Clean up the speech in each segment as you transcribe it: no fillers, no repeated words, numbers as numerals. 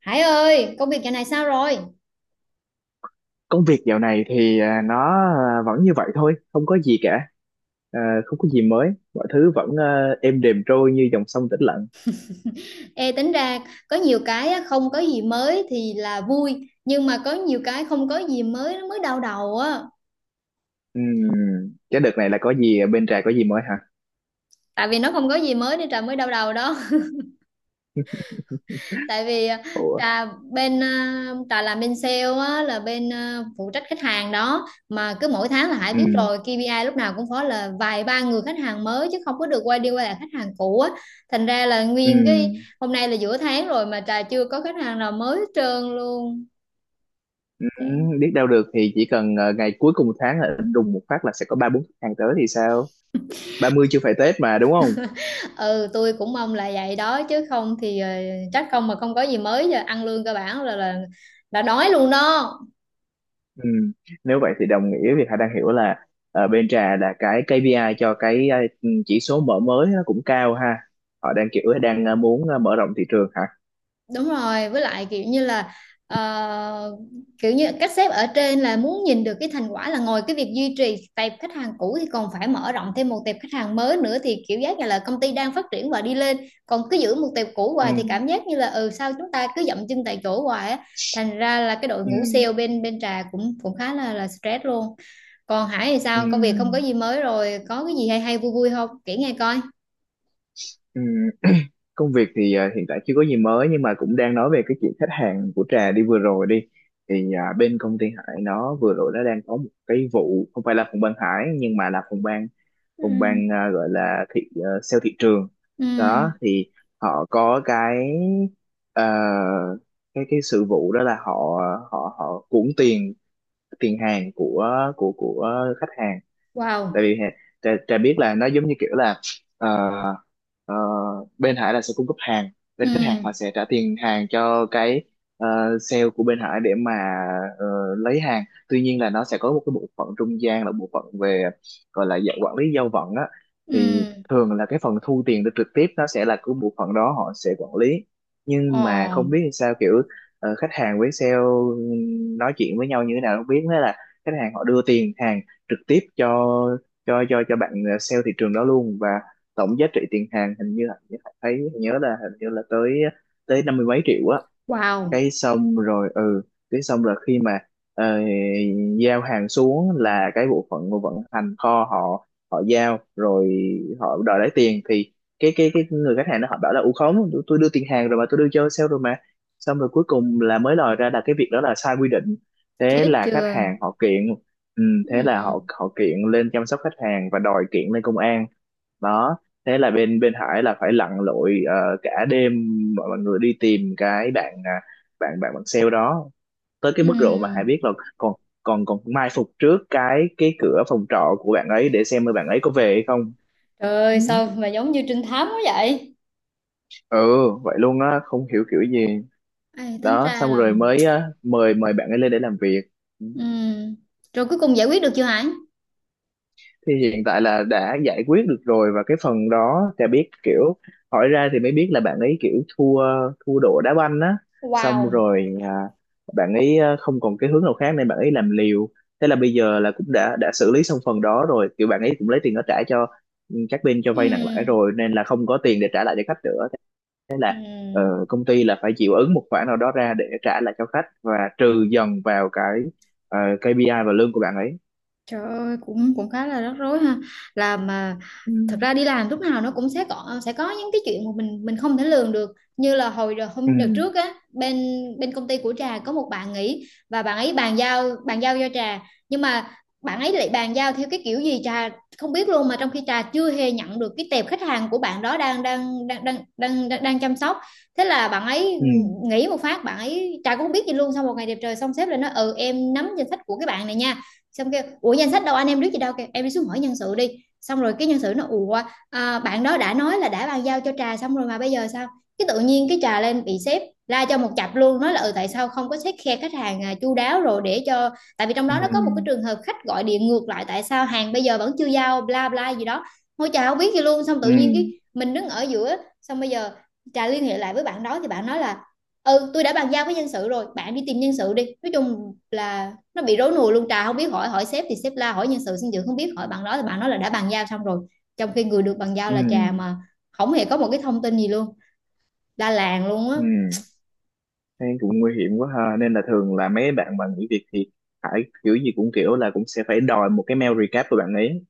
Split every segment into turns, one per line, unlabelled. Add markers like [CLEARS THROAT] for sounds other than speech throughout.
Hải ơi, công việc dạo này sao rồi?
Công việc dạo này thì vẫn như vậy thôi, không có gì cả. À, không có gì mới, mọi thứ vẫn êm đềm trôi như dòng sông tĩnh lặng.
Ê, tính ra có nhiều cái á, không có gì mới thì là vui, nhưng mà có nhiều cái không có gì mới nó mới đau đầu á.
Ừm, cái đợt này là có gì ở bên Trà, có gì mới hả?
Tại vì nó không có gì mới nên Trà mới đau đầu đó. [LAUGHS] Tại vì
Ủa.
Trà Trà làm bên sale á, là bên phụ trách khách hàng đó, mà cứ mỗi tháng là Hải biết
Ừm.
rồi, KPI lúc nào cũng phải là vài ba người khách hàng mới chứ không có được quay đi quay lại khách hàng cũ á. Thành ra là nguyên cái
Ừm.
hôm nay là giữa tháng rồi mà Trà chưa có khách hàng nào mới hết trơn luôn. Vậy.
Ừm, biết đâu được, thì chỉ cần ngày cuối cùng tháng là đùng một phát là sẽ có ba bốn khách hàng tới thì sao? Ba mươi chưa phải Tết mà, đúng không?
Ừ, tôi cũng mong là vậy đó chứ không thì trách không mà không có gì mới, giờ ăn lương cơ bản là là đói luôn đó.
Ừ. Nếu vậy thì đồng nghĩa việc Hà đang hiểu là bên Trà là cái KPI cho cái chỉ số mở mới nó cũng cao ha. Họ đang kiểu đang muốn mở rộng thị trường hả?
Đúng rồi, với lại kiểu như là ờ, kiểu như các sếp ở trên là muốn nhìn được cái thành quả, là ngoài cái việc duy trì tệp khách hàng cũ thì còn phải mở rộng thêm một tệp khách hàng mới nữa, thì kiểu giác như là công ty đang phát triển và đi lên. Còn cứ giữ một tệp cũ
Ừ.
hoài thì cảm giác như là, ừ, sao chúng ta cứ dậm chân tại chỗ hoài á. Thành ra là cái đội
Ừ.
ngũ sale bên bên Trà cũng cũng khá là stress luôn. Còn Hải thì
Ừ.
sao? Công việc không có gì mới rồi, có cái gì hay hay vui vui không? Kể nghe coi.
Ừ. Công việc thì hiện tại chưa có gì mới, nhưng mà cũng đang nói về cái chuyện khách hàng của Trà đi, vừa rồi đi thì bên công ty Hải nó vừa rồi nó đang có một cái vụ, không phải là phòng ban Hải, nhưng mà là phòng ban
Ừ.
phòng ban gọi là sale thị trường
Ừ.
đó, thì họ có cái ờ, cái sự vụ đó là họ họ họ cuỗng tiền, tiền hàng của khách hàng. Tại
Wow.
vì Trà, Trà biết là nó giống như kiểu là ờ, ờ, bên Hải là sẽ cung cấp hàng,
Ừ.
bên khách hàng họ sẽ trả tiền hàng cho cái sale của bên Hải để mà ờ, lấy hàng. Tuy nhiên là nó sẽ có một cái bộ phận trung gian, là bộ phận về, gọi là dạng quản lý giao vận á, thì
Ừ.
thường là cái phần thu tiền được trực tiếp nó sẽ là của bộ phận đó, họ sẽ quản lý. Nhưng mà
Ồ.
không biết sao, kiểu khách hàng với sale nói chuyện với nhau như thế nào không biết, thế là khách hàng họ đưa tiền hàng trực tiếp cho cho bạn sale thị trường đó luôn. Và tổng giá trị tiền hàng hình như là, thấy nhớ là hình như là tới tới năm mươi mấy triệu á.
Wow.
Cái xong rồi, ừ, cái xong rồi khi mà ờ, giao hàng xuống là cái bộ phận của vận hành kho họ họ giao rồi, họ đòi lấy tiền, thì cái người khách hàng nó họ bảo là u khống, tôi đưa tiền hàng rồi mà, tôi đưa cho sale rồi mà. Xong rồi cuối cùng là mới lòi ra là cái việc đó là sai quy định, thế
Chết
là khách
chưa?
hàng họ kiện. Ừ, thế là
Ừ.
họ họ kiện lên chăm sóc khách hàng và đòi kiện lên công an đó. Thế là bên bên Hải là phải lặn lội cả đêm, mọi mọi người đi tìm cái bạn bạn sale đó, tới cái mức độ mà Hải
Ừ.
biết là còn còn còn mai phục trước cái cửa phòng trọ của bạn ấy để xem bạn ấy có về hay không.
Trời
Ừ,
ơi, sao mà giống như trinh thám quá vậy?
ừ, vậy luôn á, không hiểu kiểu gì.
Ê, tính
Đó,
ra
xong
là...
rồi mới mời mời bạn ấy lên để làm việc. Ừ.
Ừ. Rồi cuối cùng giải quyết được chưa Hải?
Thì hiện tại là đã giải quyết được rồi, và cái phần đó Trà biết, kiểu hỏi ra thì mới biết là bạn ấy kiểu thua thua độ đá banh á. Xong
Wow.
rồi bạn ấy không còn cái hướng nào khác nên bạn ấy làm liều. Thế là bây giờ là cũng đã xử lý xong phần đó rồi, kiểu bạn ấy cũng lấy tiền đó trả cho, ừ, các bên cho
Ừ.
vay nặng lãi rồi, nên là không có tiền để trả lại cho khách nữa.
Ừ.
Ờ, Công ty là phải chịu ứng một khoản nào đó ra để trả lại cho khách, và trừ dần vào cái KPI và lương của bạn ấy.
Trời ơi, cũng cũng khá là rắc rối ha. Là mà
Ừ.
thật ra đi làm lúc nào nó cũng sẽ có những cái chuyện mà mình không thể lường được. Như là hồi đợt
Ừ.
hôm đợt trước á, bên bên công ty của Trà có một bạn nghỉ và bạn ấy bàn giao cho Trà, nhưng mà bạn ấy lại bàn giao theo cái kiểu gì Trà không biết luôn, mà trong khi Trà chưa hề nhận được cái tệp khách hàng của bạn đó đang chăm sóc. Thế là bạn ấy
Ừ.
nghỉ một phát, bạn ấy Trà cũng không biết gì luôn. Sau một ngày đẹp trời, xong sếp lại nói ừ em nắm danh sách của cái bạn này nha. Xong kêu ủa danh sách đâu, anh em biết gì đâu, kêu em đi xuống hỏi nhân sự đi. Xong rồi cái nhân sự nó ủa bạn đó đã nói là đã bàn giao cho Trà xong rồi mà bây giờ sao? Cái tự nhiên cái Trà lên bị sếp la cho một chặp luôn, nói là ừ tại sao không có xét khe khách hàng chu đáo, rồi để cho, tại vì trong
Ừ.
đó nó có một cái trường hợp khách gọi điện ngược lại, tại sao hàng bây giờ vẫn chưa giao bla bla gì đó. Ngôi Trà không biết gì luôn, xong tự
Ừ.
nhiên cái mình đứng ở giữa. Xong bây giờ Trà liên hệ lại với bạn đó thì bạn nói là ừ tôi đã bàn giao với nhân sự rồi, bạn đi tìm nhân sự đi. Nói chung là nó bị rối nùi luôn, Trà không biết, hỏi hỏi sếp thì sếp la, hỏi nhân sự sinh dưỡng không biết, hỏi bạn đó thì bạn nói là đã bàn giao xong rồi, trong khi người được bàn giao
Ừ.
là Trà mà không hề có một cái thông tin gì luôn, la làng luôn á,
Ừ. Thế cũng nguy hiểm quá ha, nên là thường là mấy bạn mà nghỉ việc thì phải kiểu gì cũng, kiểu là cũng sẽ phải đòi một cái mail recap của bạn ấy,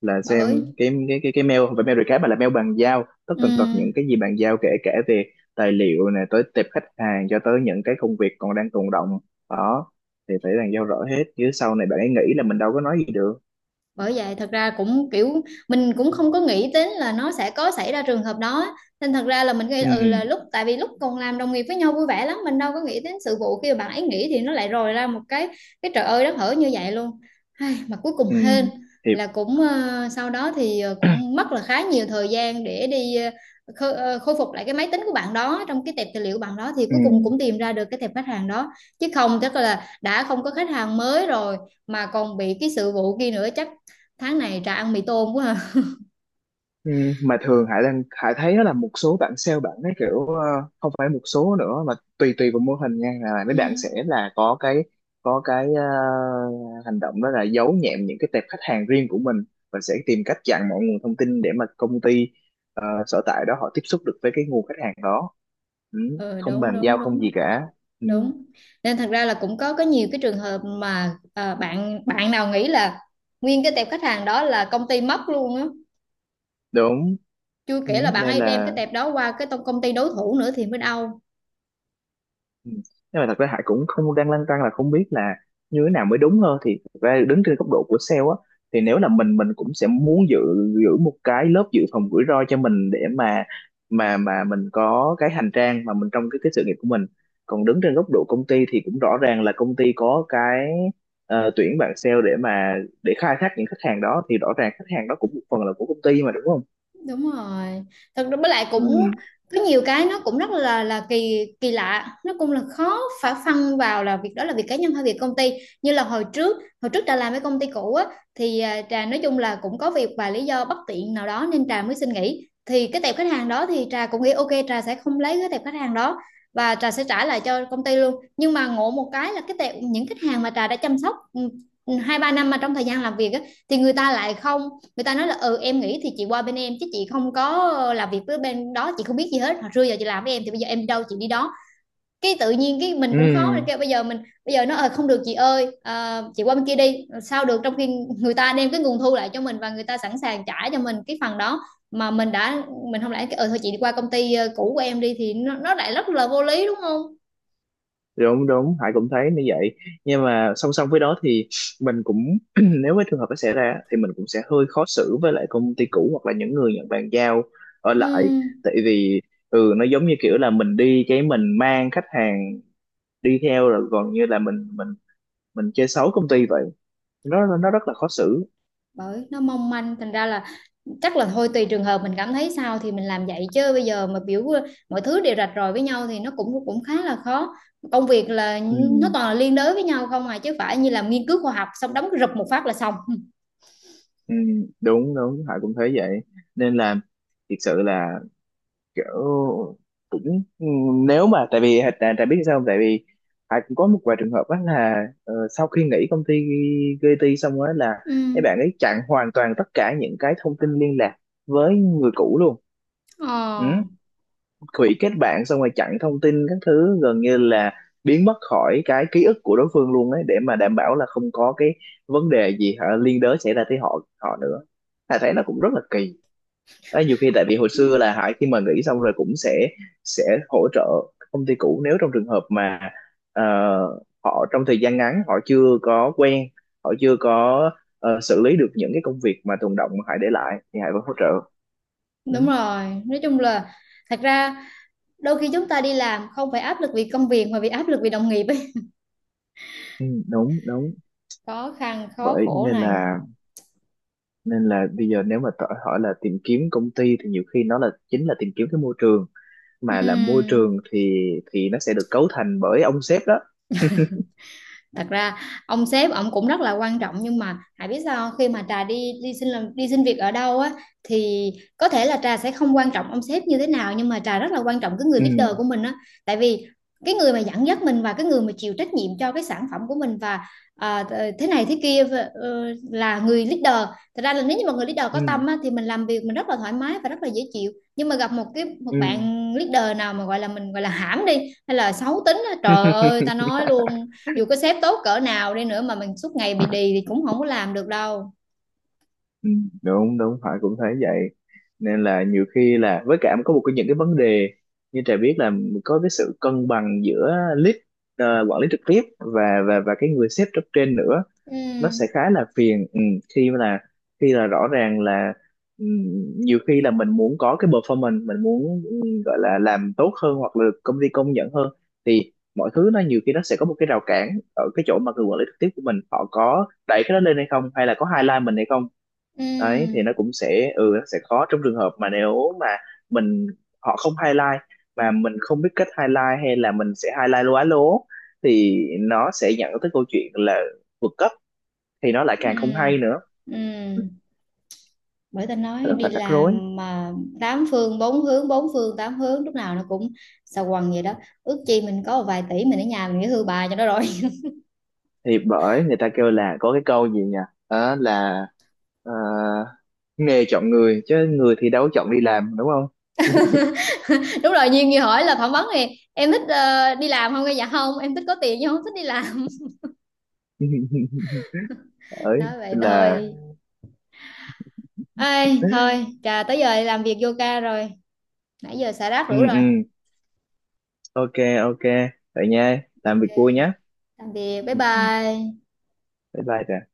là
bà
xem
ơi!
cái cái mail, không phải mail recap mà là mail bàn giao, tất
Ừ.
tần tật những cái gì bàn giao, kể cả về tài liệu, này tới tệp khách hàng, cho tới những cái công việc còn đang tồn đọng đó, thì phải bàn giao rõ hết, chứ sau này bạn ấy nghĩ là mình đâu có nói gì được.
Bởi vậy thật ra cũng kiểu, mình cũng không có nghĩ đến là nó sẽ có xảy ra trường hợp đó, nên thật ra là mình nghĩ, ừ, là
Ừ.
lúc, tại vì lúc còn làm đồng nghiệp với nhau vui vẻ lắm, mình đâu có nghĩ đến sự vụ khi mà bạn ấy nghỉ thì nó lại rồi ra một cái trời ơi đất hở như vậy luôn. Ai, mà cuối cùng
Ừ.
hên
Thì.
là cũng, sau đó thì cũng mất là khá nhiều thời gian để đi, khôi phục lại cái máy tính của bạn đó, trong cái tệp tài liệu bạn đó thì
Ừ.
cuối cùng cũng tìm ra được cái tệp khách hàng đó, chứ không chắc là đã không có khách hàng mới rồi, mà còn bị cái sự vụ kia nữa, chắc tháng này ra ăn mì tôm quá à.
Ừ, mà thường Hải đang, Hải thấy đó là một số bạn sale bạn ấy kiểu không phải một số nữa mà tùy, tùy vào mô hình nha, là mấy
Ừ.
bạn sẽ là có có cái hành động đó là giấu nhẹm những cái tệp khách hàng riêng của mình, và sẽ tìm cách chặn mọi nguồn thông tin để mà công ty sở tại đó họ tiếp xúc được với cái nguồn khách hàng đó. Ừ,
Ừ,
không
đúng
bàn giao
đúng
không gì
đúng
cả. Ừ,
đúng. Nên thật ra là cũng có nhiều cái trường hợp mà, bạn bạn nào nghĩ là nguyên cái tệp khách hàng đó là công ty mất luôn á,
đúng.
chưa
Ừ,
kể là bạn
nên
ấy đem cái
là.
tệp đó qua cái công ty đối thủ nữa thì mới đau.
Ừ. Nhưng mà thật ra Hải cũng không, đang lăn tăn là không biết là như thế nào mới đúng hơn. Thì thật ra đứng trên góc độ của sale á, thì nếu là mình cũng sẽ muốn giữ giữ một cái lớp dự phòng rủi ro cho mình, để mà mà mình có cái hành trang, mà mình trong cái sự nghiệp của mình. Còn đứng trên góc độ công ty thì cũng rõ ràng là công ty có cái tuyển bạn sale để mà, để khai thác những khách hàng đó, thì rõ ràng khách hàng đó cũng một phần là của công ty mà, đúng không?
Đúng rồi, thật ra với lại
Ừ.
cũng có nhiều cái nó cũng rất là kỳ kỳ lạ, nó cũng là khó phải phân vào là việc đó là việc cá nhân hay việc công ty. Như là hồi trước Trà làm với công ty cũ á, thì Trà nói chung là cũng có việc và lý do bất tiện nào đó nên Trà mới xin nghỉ, thì cái tệp khách hàng đó thì Trà cũng nghĩ ok Trà sẽ không lấy cái tệp khách hàng đó và Trà sẽ trả lại cho công ty luôn. Nhưng mà ngộ một cái là cái tệp những khách hàng mà Trà đã chăm sóc, ừ, hai ba năm mà, trong thời gian làm việc á, thì người ta lại không, người ta nói là ừ em nghĩ thì chị qua bên em chứ chị không có làm việc với bên đó, chị không biết gì hết, hồi xưa giờ chị làm với em thì bây giờ em đâu chị đi đó. Cái tự nhiên cái mình
Ừ,
cũng khó, mình kêu bây giờ mình, bây giờ nó không được chị ơi, chị qua bên kia đi sao được, trong khi người ta đem cái nguồn thu lại cho mình và người ta sẵn sàng trả cho mình cái phần đó, mà mình đã, mình không lẽ cái, ừ thôi chị đi qua công ty cũ của em đi, thì nó lại rất là vô lý đúng không?
đúng đúng, Hải cũng thấy như vậy. Nhưng mà song song với đó thì mình cũng [CLEARS THROAT] nếu cái trường hợp nó xảy ra thì mình cũng sẽ hơi khó xử với lại công ty cũ, hoặc là những người nhận bàn giao ở lại.
Ừ,
Tại vì, ừ, nó giống như kiểu là mình đi cái mình mang khách hàng đi theo rồi, còn như là mình mình chơi xấu công ty vậy. Nó rất là khó xử.
bởi nó mong manh, thành ra là chắc là thôi tùy trường hợp mình cảm thấy sao thì mình làm vậy, chứ bây giờ mà biểu mọi thứ đều rạch ròi với nhau thì nó cũng cũng khá là khó. Công việc là
Ừ.
nó toàn là liên đới với nhau không à, chứ phải như làm nghiên cứu khoa học xong đóng rụp một phát là xong.
Ừ, đúng đúng, Hải cũng thấy vậy. Nên là thực sự là kiểu cũng, ừ, nếu mà, tại vì tại biết sao không, tại vì Hải cũng có một vài trường hợp đó là sau khi nghỉ công ty GT xong á là
[LAUGHS] Ừ.
mấy bạn ấy chặn hoàn toàn tất cả những cái thông tin liên lạc với người cũ luôn.
ờ
Ừ. Hủy kết bạn xong rồi chặn thông tin các thứ, gần như là biến mất khỏi cái ký ức của đối phương luôn ấy, để mà đảm bảo là không có cái vấn đề gì hả liên đới xảy ra tới họ họ nữa. Hải thấy nó cũng rất là kỳ. Đấy, nhiều khi tại vì hồi xưa là Hải khi mà nghỉ xong rồi cũng sẽ hỗ trợ công ty cũ, nếu trong trường hợp mà ờ, họ trong thời gian ngắn họ chưa có quen, họ chưa có xử lý được những cái công việc mà tồn đọng mà Hải để lại, thì Hải vẫn hỗ trợ. Ừ.
Đúng rồi, nói chung là thật ra đôi khi chúng ta đi làm không phải áp lực vì công việc mà vì áp lực vì đồng nghiệp ấy,
Ừ, đúng đúng.
khó khăn khó
Bởi
khổ
nên
này.
là, nên là bây giờ nếu mà hỏi là tìm kiếm công ty thì nhiều khi nó là chính là tìm kiếm cái môi trường.
Ừ,
Mà là môi trường thì nó sẽ được cấu thành bởi ông sếp đó.
thật ra ông sếp ông cũng rất là quan trọng, nhưng mà Hải biết sao không? Khi mà Trà đi đi xin làm đi xin việc ở đâu á, thì có thể là Trà sẽ không quan trọng ông sếp như thế nào, nhưng mà Trà rất là quan trọng cái người
Ừ.
leader của mình á. Tại vì cái người mà dẫn dắt mình, và cái người mà chịu trách nhiệm cho cái sản phẩm của mình, và à, thế này thế kia, ờ, là người leader. Thật ra là nếu như mà người leader có
Ừ.
tâm á, thì mình làm việc mình rất là thoải mái và rất là dễ chịu, nhưng mà gặp một cái một
Ừ.
bạn leader nào mà gọi là, mình gọi là hãm đi, hay là xấu tính á, trời ơi ta
[LAUGHS]
nói luôn, dù có sếp tốt cỡ nào đi nữa mà mình suốt ngày bị đì thì cũng không có làm được đâu.
Ừ, đúng đúng phải, cũng thấy vậy. Nên là nhiều khi là, với cả có một cái những cái vấn đề như Trà biết là có cái sự cân bằng giữa quản lý trực tiếp và và cái người sếp cấp trên nữa, nó
Ừ.
sẽ khá là phiền. Ừ, khi mà là, khi là rõ ràng là, ừ, nhiều khi là mình muốn có cái performance, mình muốn gọi là làm tốt hơn hoặc là được công ty công nhận hơn, thì mọi thứ nó nhiều khi nó sẽ có một cái rào cản ở cái chỗ mà người quản lý trực tiếp của mình họ có đẩy cái đó lên hay không, hay là có highlight mình hay không. Đấy, thì nó
Ừ.
cũng sẽ, ừ, nó sẽ khó trong trường hợp mà nếu mà mình, họ không highlight mà mình không biết cách highlight, hay là mình sẽ highlight lố á, lố, thì nó sẽ dẫn tới câu chuyện là vượt cấp, thì nó lại
Ừ.
càng không hay nữa.
Ừ. Bởi ta
Nó
nói
rất
đi
là rắc rối.
làm mà tám phương bốn hướng bốn phương tám hướng lúc nào nó cũng xà quần vậy đó. Ước chi mình có một vài tỷ, mình ở nhà mình nghỉ hưu bà cho nó rồi.
Thì bởi người ta kêu là có cái câu gì nhỉ? Đó là ờ, nghề chọn người, chứ người thì đâu có chọn đi làm, đúng không?
[LAUGHS] Đúng rồi, Duyên như hỏi là phỏng vấn thì em thích đi làm không? Dạ không, em thích có tiền nhưng không thích đi làm.
[LAUGHS]
[LAUGHS]
Ấy
Nói vậy
là.
thôi. Ê, thôi Trà tới giờ làm việc vô ca rồi, nãy giờ xả rác đủ
Ừ. Ừ.
rồi.
OK. OK. Vậy nha, làm
Ok,
việc vui nhé.
tạm biệt, bye
Ừ, ừ.
bye.
Bye bye Trà.